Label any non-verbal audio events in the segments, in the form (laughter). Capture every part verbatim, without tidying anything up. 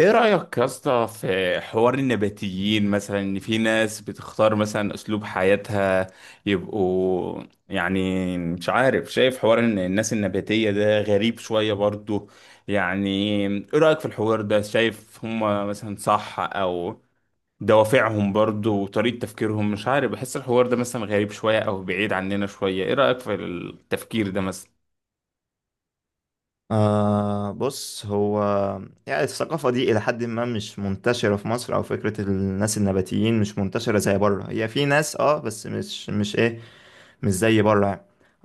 ايه رأيك يا اسطى في حوار النباتيين، مثلا ان في ناس بتختار مثلا اسلوب حياتها يبقوا، يعني مش عارف. شايف حوار ان الناس النباتية ده غريب شوية برضو، يعني. ايه رأيك في الحوار ده؟ شايف هم مثلا صح او دوافعهم برضو وطريقة تفكيرهم؟ مش عارف، بحس الحوار ده مثلا غريب شوية او بعيد عننا شوية. ايه رأيك في التفكير ده مثلا؟ آه بص هو يعني الثقافة دي إلى حد ما مش منتشرة في مصر، أو فكرة الناس النباتيين مش منتشرة زي بره. هي في ناس اه بس مش مش إيه، مش زي بره يعني.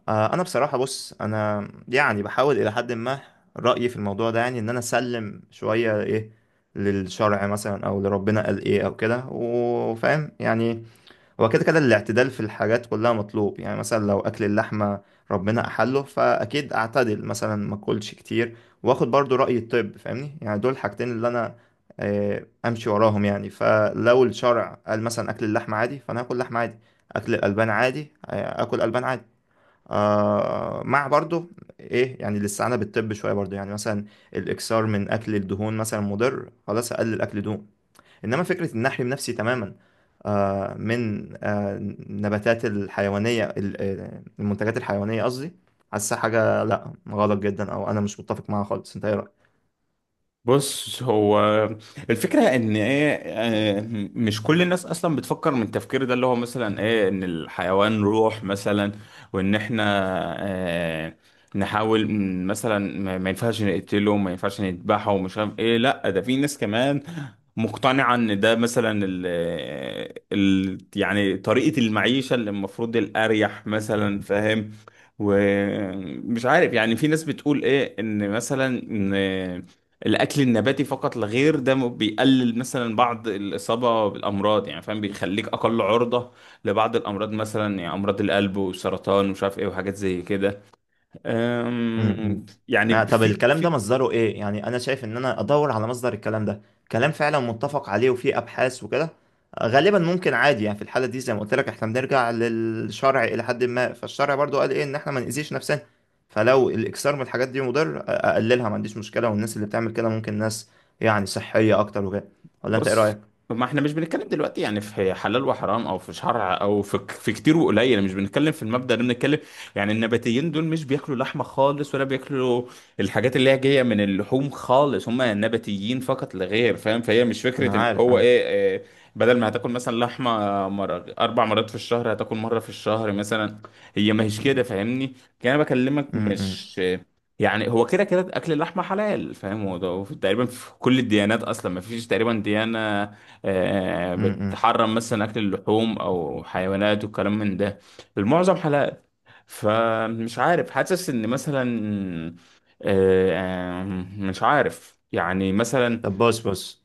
آه أنا بصراحة بص، أنا يعني بحاول إلى حد ما، رأيي في الموضوع ده يعني إن أنا أسلم شوية إيه للشرع مثلا، أو لربنا قال إيه أو كده، وفاهم يعني. هو كده كده الاعتدال في الحاجات كلها مطلوب يعني. مثلا لو اكل اللحمه ربنا احله، فاكيد اعتدل مثلا ما اكلش كتير، واخد برضو راي الطب، فاهمني؟ يعني دول الحاجتين اللي انا آه، امشي وراهم يعني. فلو الشرع قال مثلا اكل اللحمه عادي، فانا هاكل لحمه عادي، اكل الالبان عادي، آه، اكل البان عادي، آه مع برضو ايه، يعني الاستعانه بالطب شويه برضو. يعني مثلا الاكثار من اكل الدهون مثلا مضر، خلاص اقلل اكل دهون. انما فكره ان احرم نفسي تماما آه، من آه، النباتات الحيوانيه ال- آه، المنتجات الحيوانيه قصدي، حاسه حاجه لا، غلط جدا او انا مش متفق معاها خالص. انت ايه رايك؟ بص، هو الفكرة ان ايه، آه، مش كل الناس اصلا بتفكر من التفكير ده، اللي هو مثلا ايه، ان الحيوان روح مثلا، وان احنا آه، نحاول م- مثلا ما ما ينفعش نقتله، ما ينفعش نذبحه ومش عارف ايه. لا، ده في ناس كمان مقتنعة ان ده مثلا ال آه، ال يعني طريقة المعيشة اللي المفروض الاريح مثلا، فاهم. ومش عارف، يعني في ناس بتقول ايه ان مثلا الاكل النباتي فقط لا غير ده م- بيقلل مثلا بعض الاصابه بالامراض، يعني فاهم، بيخليك اقل عرضه لبعض الامراض مثلا، يعني امراض القلب والسرطان ومش عارف ايه وحاجات زي كده. امم أم، آه يعني طب في الكلام ده في مصدره ايه؟ يعني انا شايف ان انا ادور على مصدر الكلام ده، كلام فعلا متفق عليه وفيه ابحاث وكده. آه، غالبا ممكن عادي يعني. في الحاله دي زي ما قلت لك احنا بنرجع للشرع الى حد ما، فالشرع برضو قال ايه، ان احنا ما نأذيش نفسنا. فلو الاكثار من الحاجات دي مضر، آه، اقللها ما عنديش مشكله، والناس اللي بتعمل كده ممكن ناس يعني صحيه اكتر وكده. ولا انت ايه بص، رايك؟ ما احنا مش بنتكلم دلوقتي يعني في حلال وحرام او في شرع او في ك- في كتير وقليل، مش بنتكلم في المبدأ ده. بنتكلم يعني النباتيين دول مش بياكلوا لحمة خالص ولا بياكلوا الحاجات اللي هي جاية من اللحوم خالص، هم نباتيين فقط لا غير، فاهم. فهي مش انا فكرة ان عارف هو عارف ايه, إيه بدل ما هتاكل مثلا لحمة مرة اربع مرات في الشهر هتاكل مرة في الشهر مثلا. هي ما هيش كده، فاهمني. يعني انا بكلمك امم مش يعني، هو كده كده اكل اللحمه حلال، فاهم. هو ده، هو في- تقريبا في كل الديانات اصلا ما فيش تقريبا ديانه آه، امم. بتحرم مثلا اكل اللحوم او حيوانات وكلام من ده. المعظم حلال. فمش عارف، حاسس ان مثلا آه، آه، مش عارف يعني مثلا. طب بص بص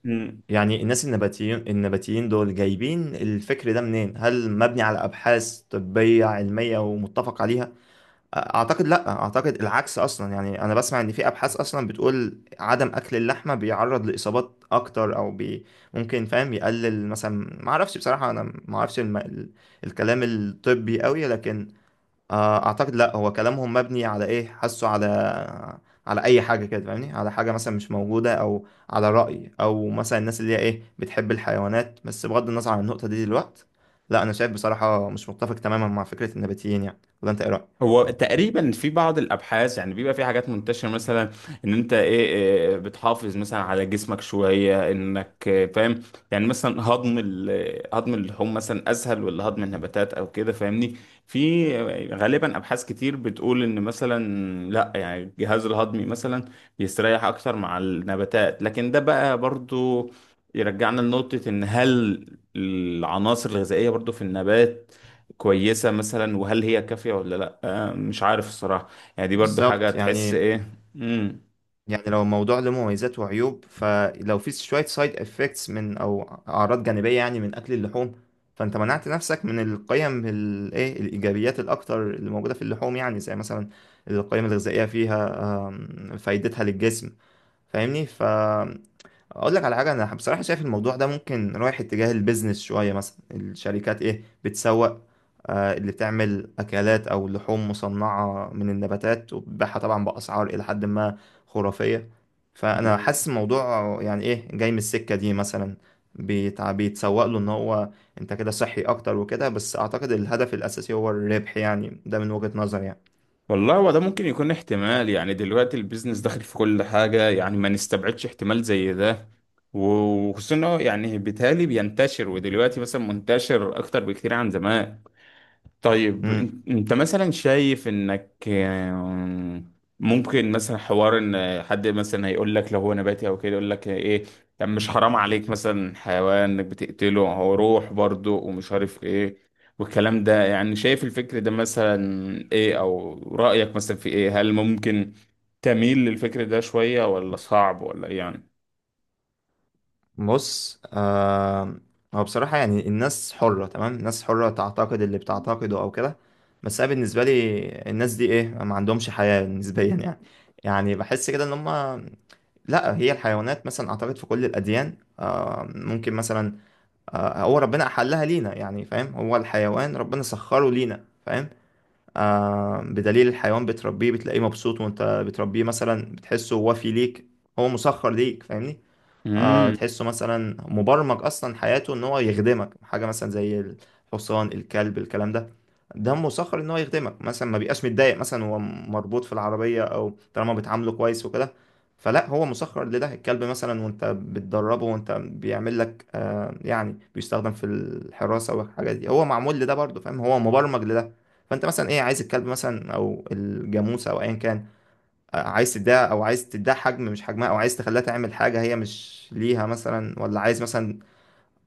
يعني الناس النباتيين، النباتيين دول جايبين الفكر ده منين؟ هل مبني على أبحاث طبية علمية ومتفق عليها؟ أعتقد لأ، أعتقد العكس أصلا. يعني أنا بسمع إن في أبحاث أصلا بتقول عدم أكل اللحمة بيعرض لإصابات أكتر، أو بي ممكن فاهم يقلل مثلا، معرفش بصراحة. أنا معرفش الم... ال- الكلام الطبي قوي، لكن آه، اعتقد لا، هو كلامهم مبني على ايه، حاسه على على اي حاجه كده، فاهمني؟ على حاجه مثلا مش موجوده، او على راي، او مثلا الناس اللي هي ايه بتحب الحيوانات بس، بغض النظر عن النقطه دي دلوقتي. لا انا شايف بصراحه مش متفق تماما مع فكره النباتيين يعني. ولا انت ايه رايك؟ هو تقريبا في بعض الابحاث، يعني بيبقى في حاجات منتشره مثلا ان انت ايه إيه، بتحافظ مثلا على جسمك شويه انك إيه، فاهم. يعني مثلا هضم ال- هضم اللحوم مثلا اسهل ولا هضم النباتات او كده، فاهمني. في غالبا ابحاث كتير بتقول ان مثلا لا، يعني الجهاز الهضمي مثلا بيستريح اكتر مع النباتات، لكن ده بقى برضو يرجعنا لنقطه ان هل العناصر الغذائيه برضو في النبات كويسة مثلا، وهل هي كافية ولا لأ. آه، مش عارف الصراحة. يعني دي برضو حاجة بالظبط تحس يعني، إيه. مم. يعني لو الموضوع له مميزات وعيوب، فلو في شوية سايد افكتس من او اعراض جانبية يعني من اكل اللحوم، فانت منعت نفسك من القيم الايه، الايجابيات الاكتر اللي موجودة في اللحوم، يعني زي مثلا القيم الغذائية فيها، آم، فايدتها للجسم، فاهمني؟ ف اقول لك على حاجه، انا بصراحه شايف الموضوع ده ممكن رايح اتجاه البيزنس شويه. مثلا الشركات ايه بتسوق، آه اللي بتعمل اكلات او لحوم مصنعه من النباتات، وبتبيعها طبعا باسعار الى حد ما خرافيه. فانا مم. حاسس الموضوع يعني ايه جاي من السكه دي مثلا، بيتع- بيتسوق له ان هو انت كده صحي اكتر وكده، بس اعتقد الهدف الاساسي هو الربح يعني، ده من وجهه نظري. والله هو ده ممكن يكون احتمال. يعني دلوقتي البيزنس داخل في كل حاجة، يعني ما نستبعدش احتمال زي ده، وخصوصا إن هو يعني بالتالي بينتشر، ودلوقتي مثلا منتشر أكتر بكتير عن زمان. طيب، يعني إن- انت مثلا شايف انك آم، ممكن مثلا حوار ان حد مثلا هيقول لك لو هو نباتي او كده، يقول لك ايه، طب مش حرام عليك مثلا حيوان انك بتقتله، هو روح برضه ومش عارف ايه، والكلام ده. يعني شايف الفكر ده مثلا ايه، او رأيك مثلا في ايه، هل ممكن تميل للفكر ده شوية ولا صعب ولا إيه يعني؟ بص آه، هو بصراحة يعني الناس حرة تمام، الناس حرة تعتقد اللي بتعتقده أو كده، بس أنا بالنسبة لي الناس دي إيه ما عندهمش حياة نسبيا يعني. يعني بحس كده إن هما لا، هي الحيوانات مثلا أعتقد في كل الأديان آه ممكن مثلا، آه هو ربنا أحلها لينا يعني، فاهم؟ هو الحيوان ربنا سخره لينا فاهم، آه بدليل الحيوان بتربيه بتلاقيه مبسوط، وأنت بتربيه مثلا بتحسه، وفي ليك هو مسخر ليك، فاهمني؟ آه، امم. تحسه مثلا مبرمج اصلا حياته ان هو يخدمك حاجه، مثلا زي الحصان، الكلب، الكلام ده، ده مسخر ان هو يخدمك مثلا. ما بيبقاش متضايق مثلا هو مربوط في العربيه، او طالما بتعامله كويس وكده فلا، هو مسخر لده. الكلب مثلا وانت بتدربه، وانت بيعمل لك آه يعني بيستخدم في الحراسه والحاجات دي، هو معمول لده برضه فاهم، هو مبرمج لده. فانت مثلا ايه، عايز الكلب مثلا او الجاموسه او ايا كان، عايز تديها او عايز تديها حجم مش حجمها، او عايز تخليها تعمل حاجة هي مش ليها مثلا، ولا عايز مثلا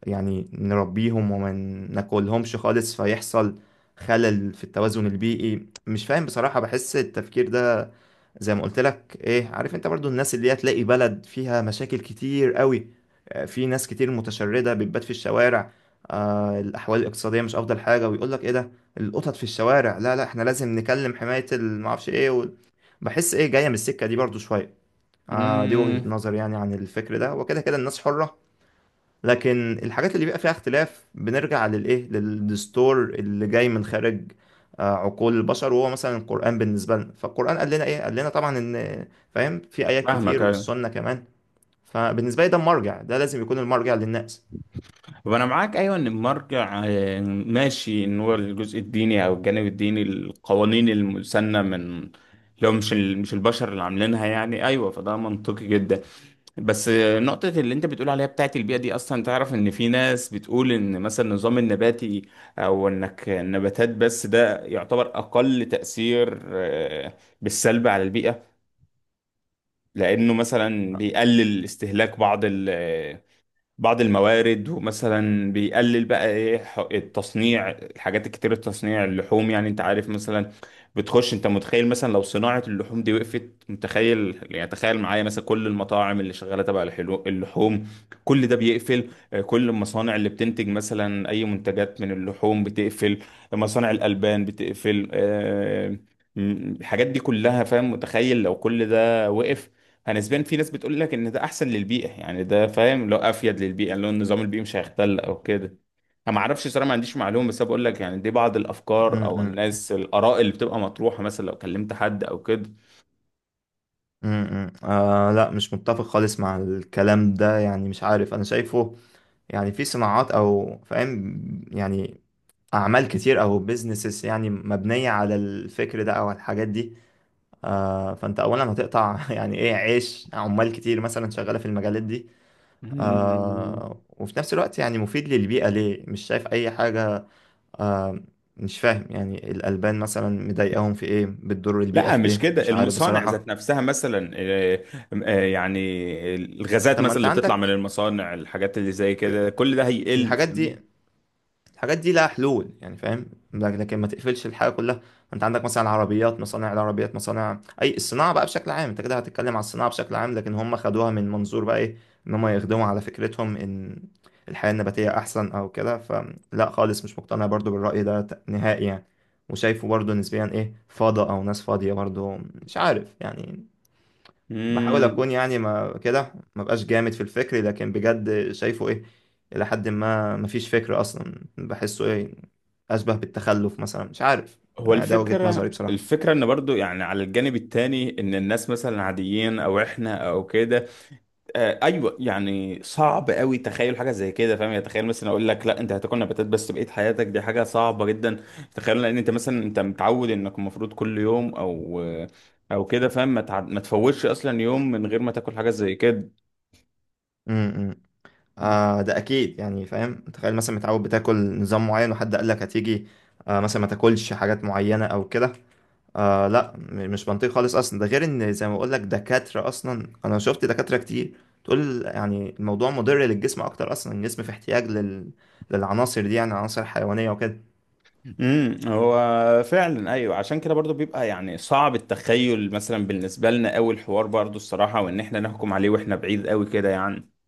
يعني نربيهم وما ناكلهمش خالص، فيحصل خلل في التوازن البيئي. مش فاهم بصراحة، بحس التفكير ده زي ما قلت لك ايه، عارف انت برضو الناس اللي هي تلاقي بلد فيها مشاكل كتير قوي، آه، في ناس كتير متشردة بتبات في الشوارع، آه الأحوال الاقتصادية مش أفضل حاجة، ويقول لك ايه، ده القطط في الشوارع، لا لا احنا لازم نكلم حماية المعرفش ايه و... بحس ايه جاية من السكة دي برضو شوية. آه دي وجهة امم. نظر يعني عن الفكر ده، وكده كده الناس حرة. لكن الحاجات اللي بيبقى فيها اختلاف بنرجع للايه، للدستور اللي جاي من خارج آه، عقول البشر، وهو مثلا القرآن بالنسبة لنا. فالقرآن قال لنا ايه، قال لنا طبعا ان فاهم، في آيات فاهمك. كتير والسنة كمان. فبالنسبة لي ده المرجع، ده لازم يكون المرجع للناس. وانا معاك ايوه ان المرجع، آه، ماشي، ان هو الجزء الديني او الجانب الديني، القوانين المسنه من، لو مش ال- مش البشر اللي عاملينها، يعني ايوه، فده منطقي جدا. بس آه، نقطه اللي انت بتقول عليها بتاعت البيئه دي، اصلا تعرف ان في ناس بتقول ان مثلا النظام النباتي او انك النباتات بس، ده يعتبر اقل تاثير آه، بالسلب على البيئه، لانه مثلا بيقلل استهلاك بعض ال- بعض الموارد، ومثلا بيقلل بقى ايه، ح- التصنيع، الحاجات الكتير، التصنيع اللحوم، يعني انت عارف مثلا بتخش. انت متخيل مثلا لو صناعة اللحوم دي وقفت؟ متخيل يعني؟ تخيل معايا مثلا كل المطاعم اللي شغالة تبع الحلو- اللحوم كل ده بيقفل، آه، كل المصانع اللي بتنتج مثلا اي منتجات من اللحوم بتقفل، مصانع الألبان بتقفل، آه، م- الحاجات دي كلها، فاهم. متخيل لو كل ده وقف؟ انا نسبيا في ناس بتقول لك ان ده احسن للبيئه، يعني ده فاهم، لو افيد للبيئه، لو النظام البيئي مش هيختل او كده. انا ما اعرفش صراحه، ما عنديش معلومه، بس أنا بقول لك يعني دي بعض الافكار او م-م. الناس الاراء اللي بتبقى مطروحه، مثلا لو كلمت حد او كده. م-م. آه لا مش متفق خالص مع الكلام ده يعني، مش عارف انا شايفه يعني في صناعات، او فاهم يعني اعمال كتير او بيزنسز يعني مبنية على الفكر ده او على الحاجات دي. آه، فانت اولا هتقطع (laughs) يعني ايه عيش عمال كتير مثلا شغاله في المجالات دي. مم. آه، وفي نفس الوقت يعني مفيد للبيئه ليه؟ مش شايف اي حاجه. آه، مش فاهم يعني الالبان مثلا مضايقاهم في ايه، بتضر البيئه لا في مش ايه؟ كده، مش عارف المصانع بصراحه. ذات نفسها مثلا، آه، آه، يعني الغازات طب ما مثلا انت اللي بتطلع من عندك المصانع، الحاجات اللي زي كده كل ده هيقل، الحاجات فاهمني. دي، الحاجات دي لها حلول يعني فاهم. لك- لكن ما تقفلش الحاجه كلها. انت عندك مثلا العربيات، مصانع العربيات، مصانع اي الصناعه بقى بشكل عام، انت كده هتتكلم على الصناعه بشكل عام. لكن هم خدوها من منظور بقى ايه، ان هم يخدموا على فكرتهم ان الحياه النباتيه احسن او كده. فلا خالص مش مقتنع برضو بالراي ده ت- نهائي يعني، وشايفه برضو نسبيا ايه فاضي، او ناس فاضيه برضو، مش عارف يعني. بحاول مم. اكون يعني ما كده، ما بقاش جامد في الفكر، لكن بجد شايفه ايه الى حد ما ما فيش فكر اصلا، بحسه ايه اشبه بالتخلف مثلا، مش عارف. هو ده وجهة نظري الفكرة بصراحة. الفكرة ان برضو يعني على الجانب التاني ان الناس مثلا عاديين، او احنا او كده. آه ايوه، يعني صعب قوي تخيل حاجة زي كده، فاهم. يعني تخيل مثلا اقول لك لا، انت هتاكل نباتات بس بقية حياتك، دي حاجة صعبة جدا. تخيل، لان انت مثلا، انت متعود انك المفروض كل يوم او او كده فاهم، ما تع- ما تفوتش اصلا يوم من غير ما تاكل حاجة زي كده. امم آه ده اكيد يعني فاهم، تخيل مثلا متعود بتاكل نظام معين وحد قال لك هتيجي آه مثلا ما تاكلش حاجات معينة او كده. آه لا م- مش منطقي خالص اصلا. ده غير ان زي ما بقول لك دكاتره اصلا، انا شفت دكاتره كتير تقول يعني الموضوع مضر للجسم اكتر. اصلا الجسم في احتياج لل... للعناصر دي، يعني عناصر حيوانيه وكده. امم هو فعلا ايوه، عشان كده برضو بيبقى يعني صعب التخيل مثلا بالنسبه لنا قوي، الحوار برضو الصراحه، وان احنا نحكم عليه واحنا بعيد قوي كده، يعني.